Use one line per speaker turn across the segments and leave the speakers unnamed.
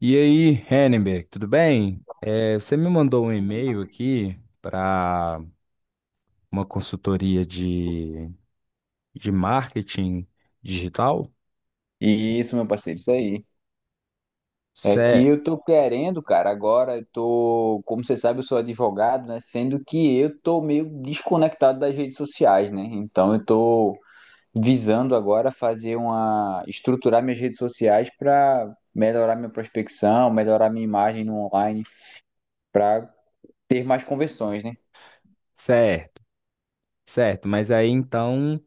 E aí, Henneberg, tudo bem? Você me mandou um e-mail aqui para uma consultoria de marketing digital?
Isso, meu parceiro, isso aí. É que
Certo,
eu tô querendo, cara, agora eu tô, como você sabe, eu sou advogado, né? Sendo que eu tô meio desconectado das redes sociais, né? Então eu tô visando agora fazer uma, estruturar minhas redes sociais para melhorar minha prospecção, melhorar minha imagem no online, para ter mais conversões, né?
certo, Certo. Mas aí então,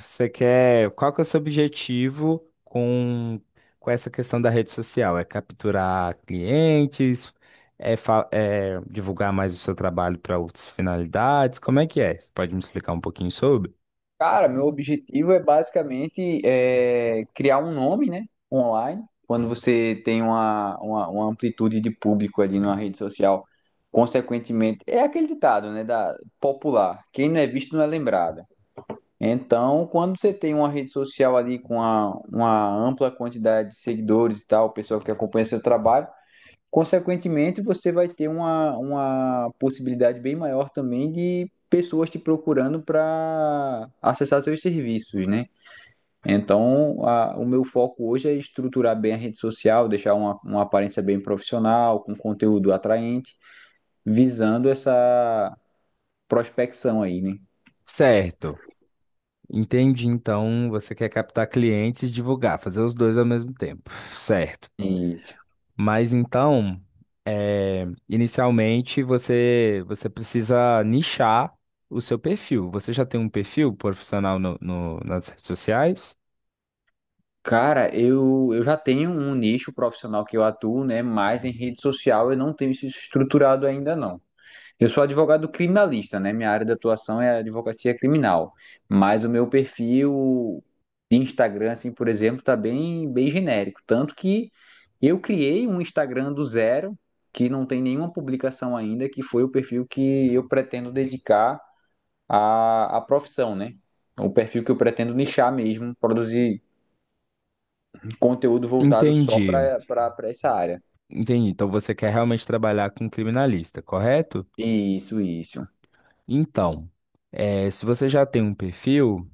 você quer. Qual que é o seu objetivo com essa questão da rede social? É capturar clientes? É, é divulgar mais o seu trabalho para outras finalidades? Como é que é? Você pode me explicar um pouquinho sobre?
Cara, meu objetivo é basicamente é, criar um nome, né, online. Quando você tem uma, uma amplitude de público ali numa rede social, consequentemente, é aquele ditado, né, da popular, quem não é visto não é lembrado. Então, quando você tem uma rede social ali com uma ampla quantidade de seguidores e tal, pessoa que acompanha seu trabalho, consequentemente, você vai ter uma possibilidade bem maior também de pessoas te procurando para acessar seus serviços, né? Então, o meu foco hoje é estruturar bem a rede social, deixar uma aparência bem profissional, com conteúdo atraente, visando essa prospecção aí, né?
Certo. Entendi. Então, você quer captar clientes e divulgar, fazer os dois ao mesmo tempo, certo?
Isso.
Mas então, inicialmente você precisa nichar o seu perfil. Você já tem um perfil profissional nas redes sociais?
Cara, eu já tenho um nicho profissional que eu atuo, né? Mas em rede social eu não tenho isso estruturado ainda, não. Eu sou advogado criminalista, né? Minha área de atuação é a advocacia criminal. Mas o meu perfil de Instagram, assim, por exemplo, tá bem, bem genérico. Tanto que eu criei um Instagram do zero, que não tem nenhuma publicação ainda, que foi o perfil que eu pretendo dedicar à, à profissão, né? O perfil que eu pretendo nichar mesmo, produzir conteúdo voltado só
Entendi,
para essa área.
entendi. Então você quer realmente trabalhar com criminalista, correto?
Isso, isso.
Então, se você já tem um perfil.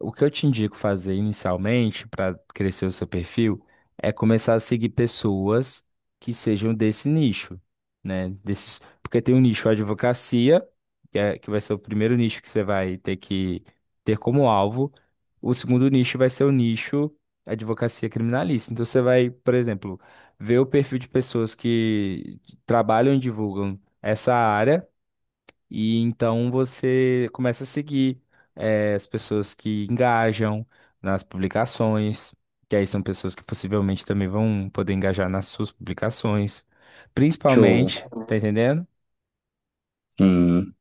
O que eu te indico fazer inicialmente para crescer o seu perfil é começar a seguir pessoas que sejam desse nicho, né? Desses, porque tem um nicho advocacia, que é, que vai ser o primeiro nicho que você vai ter que ter como alvo. O segundo nicho vai ser o nicho advocacia criminalista. Então você vai, por exemplo, ver o perfil de pessoas que trabalham e divulgam essa área. E então você começa a seguir as pessoas que engajam nas publicações, que aí são pessoas que possivelmente também vão poder engajar nas suas publicações,
Show.
principalmente, tá entendendo?
Sim.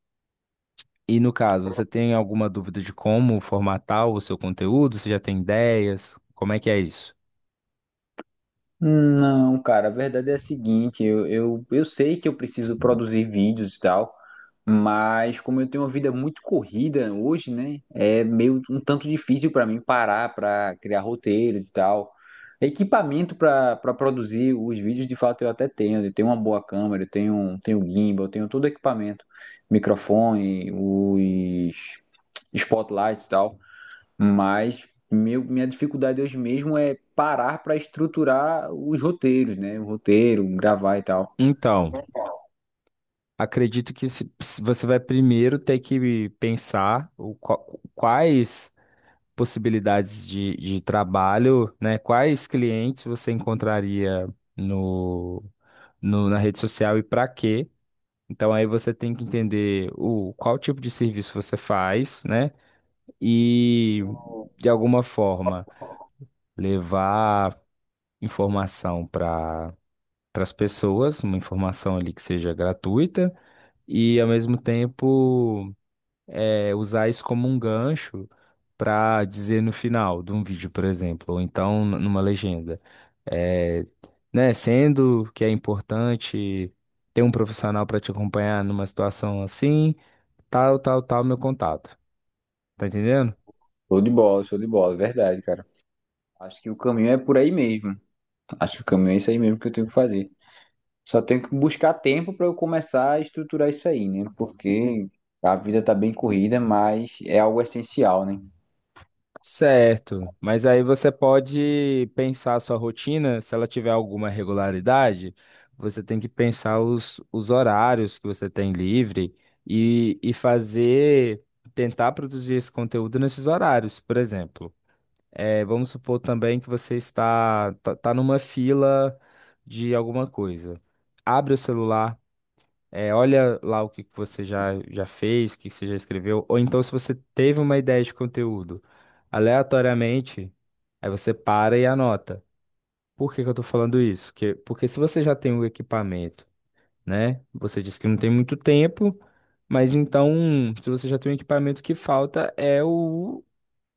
E no caso, você tem alguma dúvida de como formatar o seu conteúdo? Você já tem ideias? Como é que é isso?
Não, cara, a verdade é a seguinte, eu sei que eu preciso produzir vídeos e tal, mas como eu tenho uma vida muito corrida hoje, né, é meio um tanto difícil para mim parar para criar roteiros e tal. Equipamento para produzir os vídeos, de fato, eu até tenho. Eu tenho uma boa câmera, eu tenho, tenho gimbal, eu tenho todo o equipamento, microfone, os spotlights e tal. Mas minha dificuldade hoje mesmo é parar para estruturar os roteiros, né? O roteiro, gravar e tal.
Então, acredito que se você vai primeiro ter que pensar o, quais possibilidades de trabalho, né? Quais clientes você encontraria no, na rede social e para quê? Então aí você tem que entender o qual tipo de serviço você faz, né? E de alguma forma levar informação para para as pessoas, uma informação ali que seja gratuita e ao mesmo tempo usar isso como um gancho para dizer no final de um vídeo, por exemplo, ou então numa legenda. É, né, sendo que é importante ter um profissional para te acompanhar numa situação assim, tal, tal, tal, meu contato. Tá entendendo?
Show de bola, verdade, cara. Acho que o caminho é por aí mesmo. Acho que o caminho é isso aí mesmo que eu tenho que fazer. Só tenho que buscar tempo para eu começar a estruturar isso aí, né? Porque a vida tá bem corrida, mas é algo essencial, né?
Certo, mas aí você pode pensar a sua rotina, se ela tiver alguma regularidade, você tem que pensar os horários que você tem livre e fazer, tentar produzir esse conteúdo nesses horários, por exemplo. É, vamos supor também que você está tá, tá numa fila de alguma coisa. Abre o celular olha lá o que que você já, já fez, o que que você já escreveu, ou então se você teve uma ideia de conteúdo aleatoriamente, aí você para e anota. Por que que eu tô falando isso? Porque se você já tem o equipamento, né? Você disse que não tem muito tempo, mas então, se você já tem o equipamento, o que falta é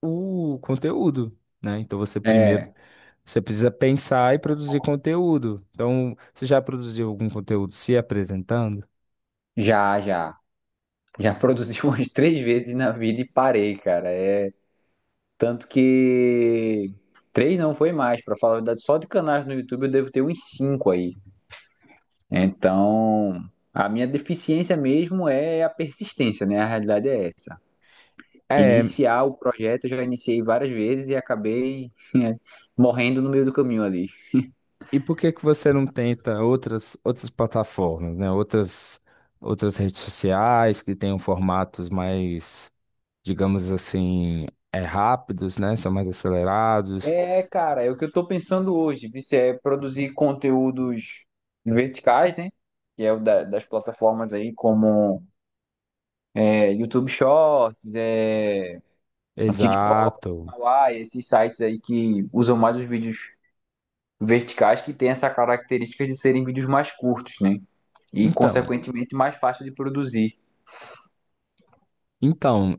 o conteúdo, né? Então você primeiro,
É,
você precisa pensar e produzir conteúdo. Então, você já produziu algum conteúdo se apresentando?
já, já. Já produzi umas três vezes na vida e parei, cara. Tanto que três não foi mais, para falar a verdade, só de canais no YouTube eu devo ter uns cinco aí. Então, a minha deficiência mesmo é a persistência, né? A realidade é essa.
É.
Iniciar o projeto, eu já iniciei várias vezes e acabei morrendo no meio do caminho ali.
E por que que você não tenta outras, outras plataformas, né? Outras, outras redes sociais que tenham formatos mais, digamos assim, rápidos, né? São mais acelerados.
É, cara, é o que eu tô pensando hoje, Vice, é produzir conteúdos verticais, né? Que é o das plataformas aí, como YouTube Shorts,
Exato.
Kawaii, esses sites aí que usam mais os vídeos verticais, que têm essa característica de serem vídeos mais curtos, né? E,
Então,
consequentemente, mais fácil de produzir.
então,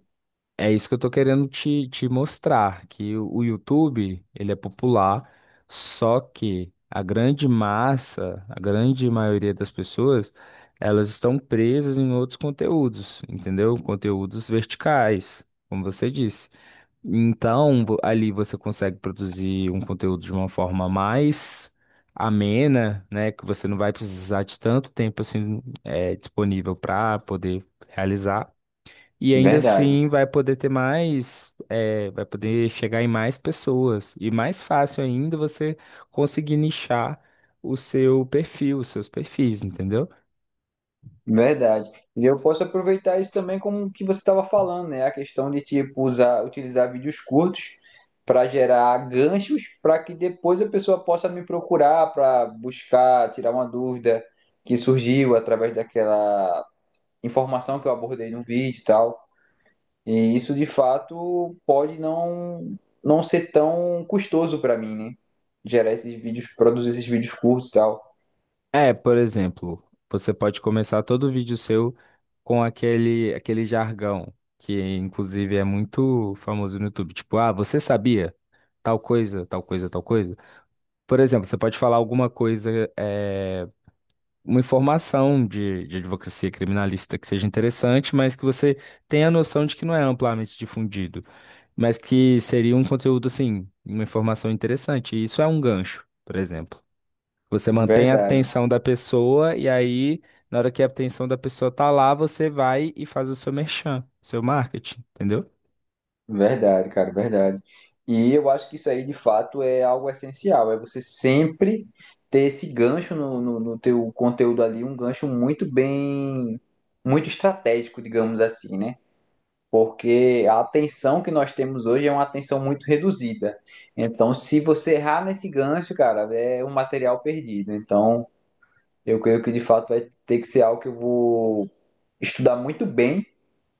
É isso que eu tô querendo te, te mostrar, que o YouTube, ele é popular, só que a grande massa, a grande maioria das pessoas, elas estão presas em outros conteúdos, entendeu? Conteúdos verticais, como você disse. Então, ali você consegue produzir um conteúdo de uma forma mais amena, né? Que você não vai precisar de tanto tempo assim, disponível para poder realizar. E ainda
Verdade,
assim vai poder ter mais, vai poder chegar em mais pessoas. E mais fácil ainda você conseguir nichar o seu perfil, os seus perfis, entendeu?
verdade. E eu posso aproveitar isso também como o que você estava falando, né? A questão de, tipo, usar, utilizar vídeos curtos para gerar ganchos para que depois a pessoa possa me procurar para buscar, tirar uma dúvida que surgiu através daquela informação que eu abordei no vídeo e tal. E isso de fato pode não ser tão custoso para mim, né? Gerar esses vídeos, produzir esses vídeos curtos e tal.
É, por exemplo, você pode começar todo vídeo seu com aquele, aquele jargão, que inclusive é muito famoso no YouTube. Tipo, ah, você sabia tal coisa, tal coisa, tal coisa? Por exemplo, você pode falar alguma coisa, é, uma informação de advocacia criminalista que seja interessante, mas que você tenha a noção de que não é amplamente difundido, mas que seria um conteúdo, assim, uma informação interessante. E isso é um gancho, por exemplo. Você mantém a
Verdade,
atenção da pessoa e aí, na hora que a atenção da pessoa tá lá, você vai e faz o seu merchan, seu marketing, entendeu?
verdade, cara, verdade. E eu acho que isso aí de fato é algo essencial, é você sempre ter esse gancho no teu conteúdo ali, um gancho muito bem, muito estratégico, digamos assim, né? Porque a atenção que nós temos hoje é uma atenção muito reduzida. Então, se você errar nesse gancho, cara, é um material perdido. Então, eu creio que de fato vai ter que ser algo que eu vou estudar muito bem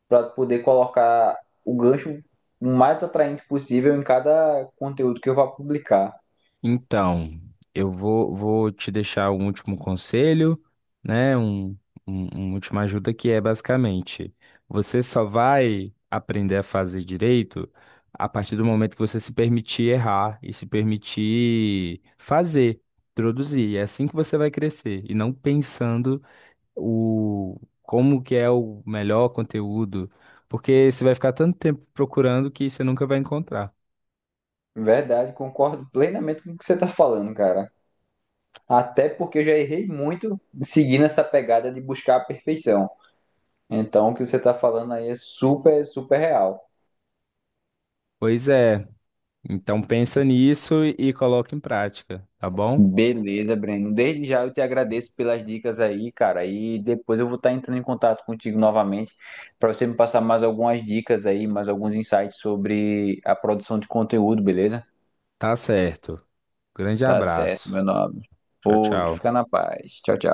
para poder colocar o gancho o mais atraente possível em cada conteúdo que eu vá publicar.
Então, vou te deixar um último conselho, né? Uma última ajuda que é basicamente, você só vai aprender a fazer direito a partir do momento que você se permitir errar e se permitir fazer, produzir. É assim que você vai crescer e não pensando o como que é o melhor conteúdo, porque você vai ficar tanto tempo procurando que você nunca vai encontrar.
Verdade, concordo plenamente com o que você está falando, cara. Até porque eu já errei muito seguindo essa pegada de buscar a perfeição. Então, o que você está falando aí é super, super real.
Pois é. Então pensa nisso e coloca em prática, tá bom?
Beleza, Breno. Desde já eu te agradeço pelas dicas aí, cara. E depois eu vou estar entrando em contato contigo novamente para você me passar mais algumas dicas aí, mais alguns insights sobre a produção de conteúdo, beleza?
Tá certo. Grande
Tá certo,
abraço.
meu nome.
Tchau,
Outro, fica
tchau.
na paz. Tchau, tchau.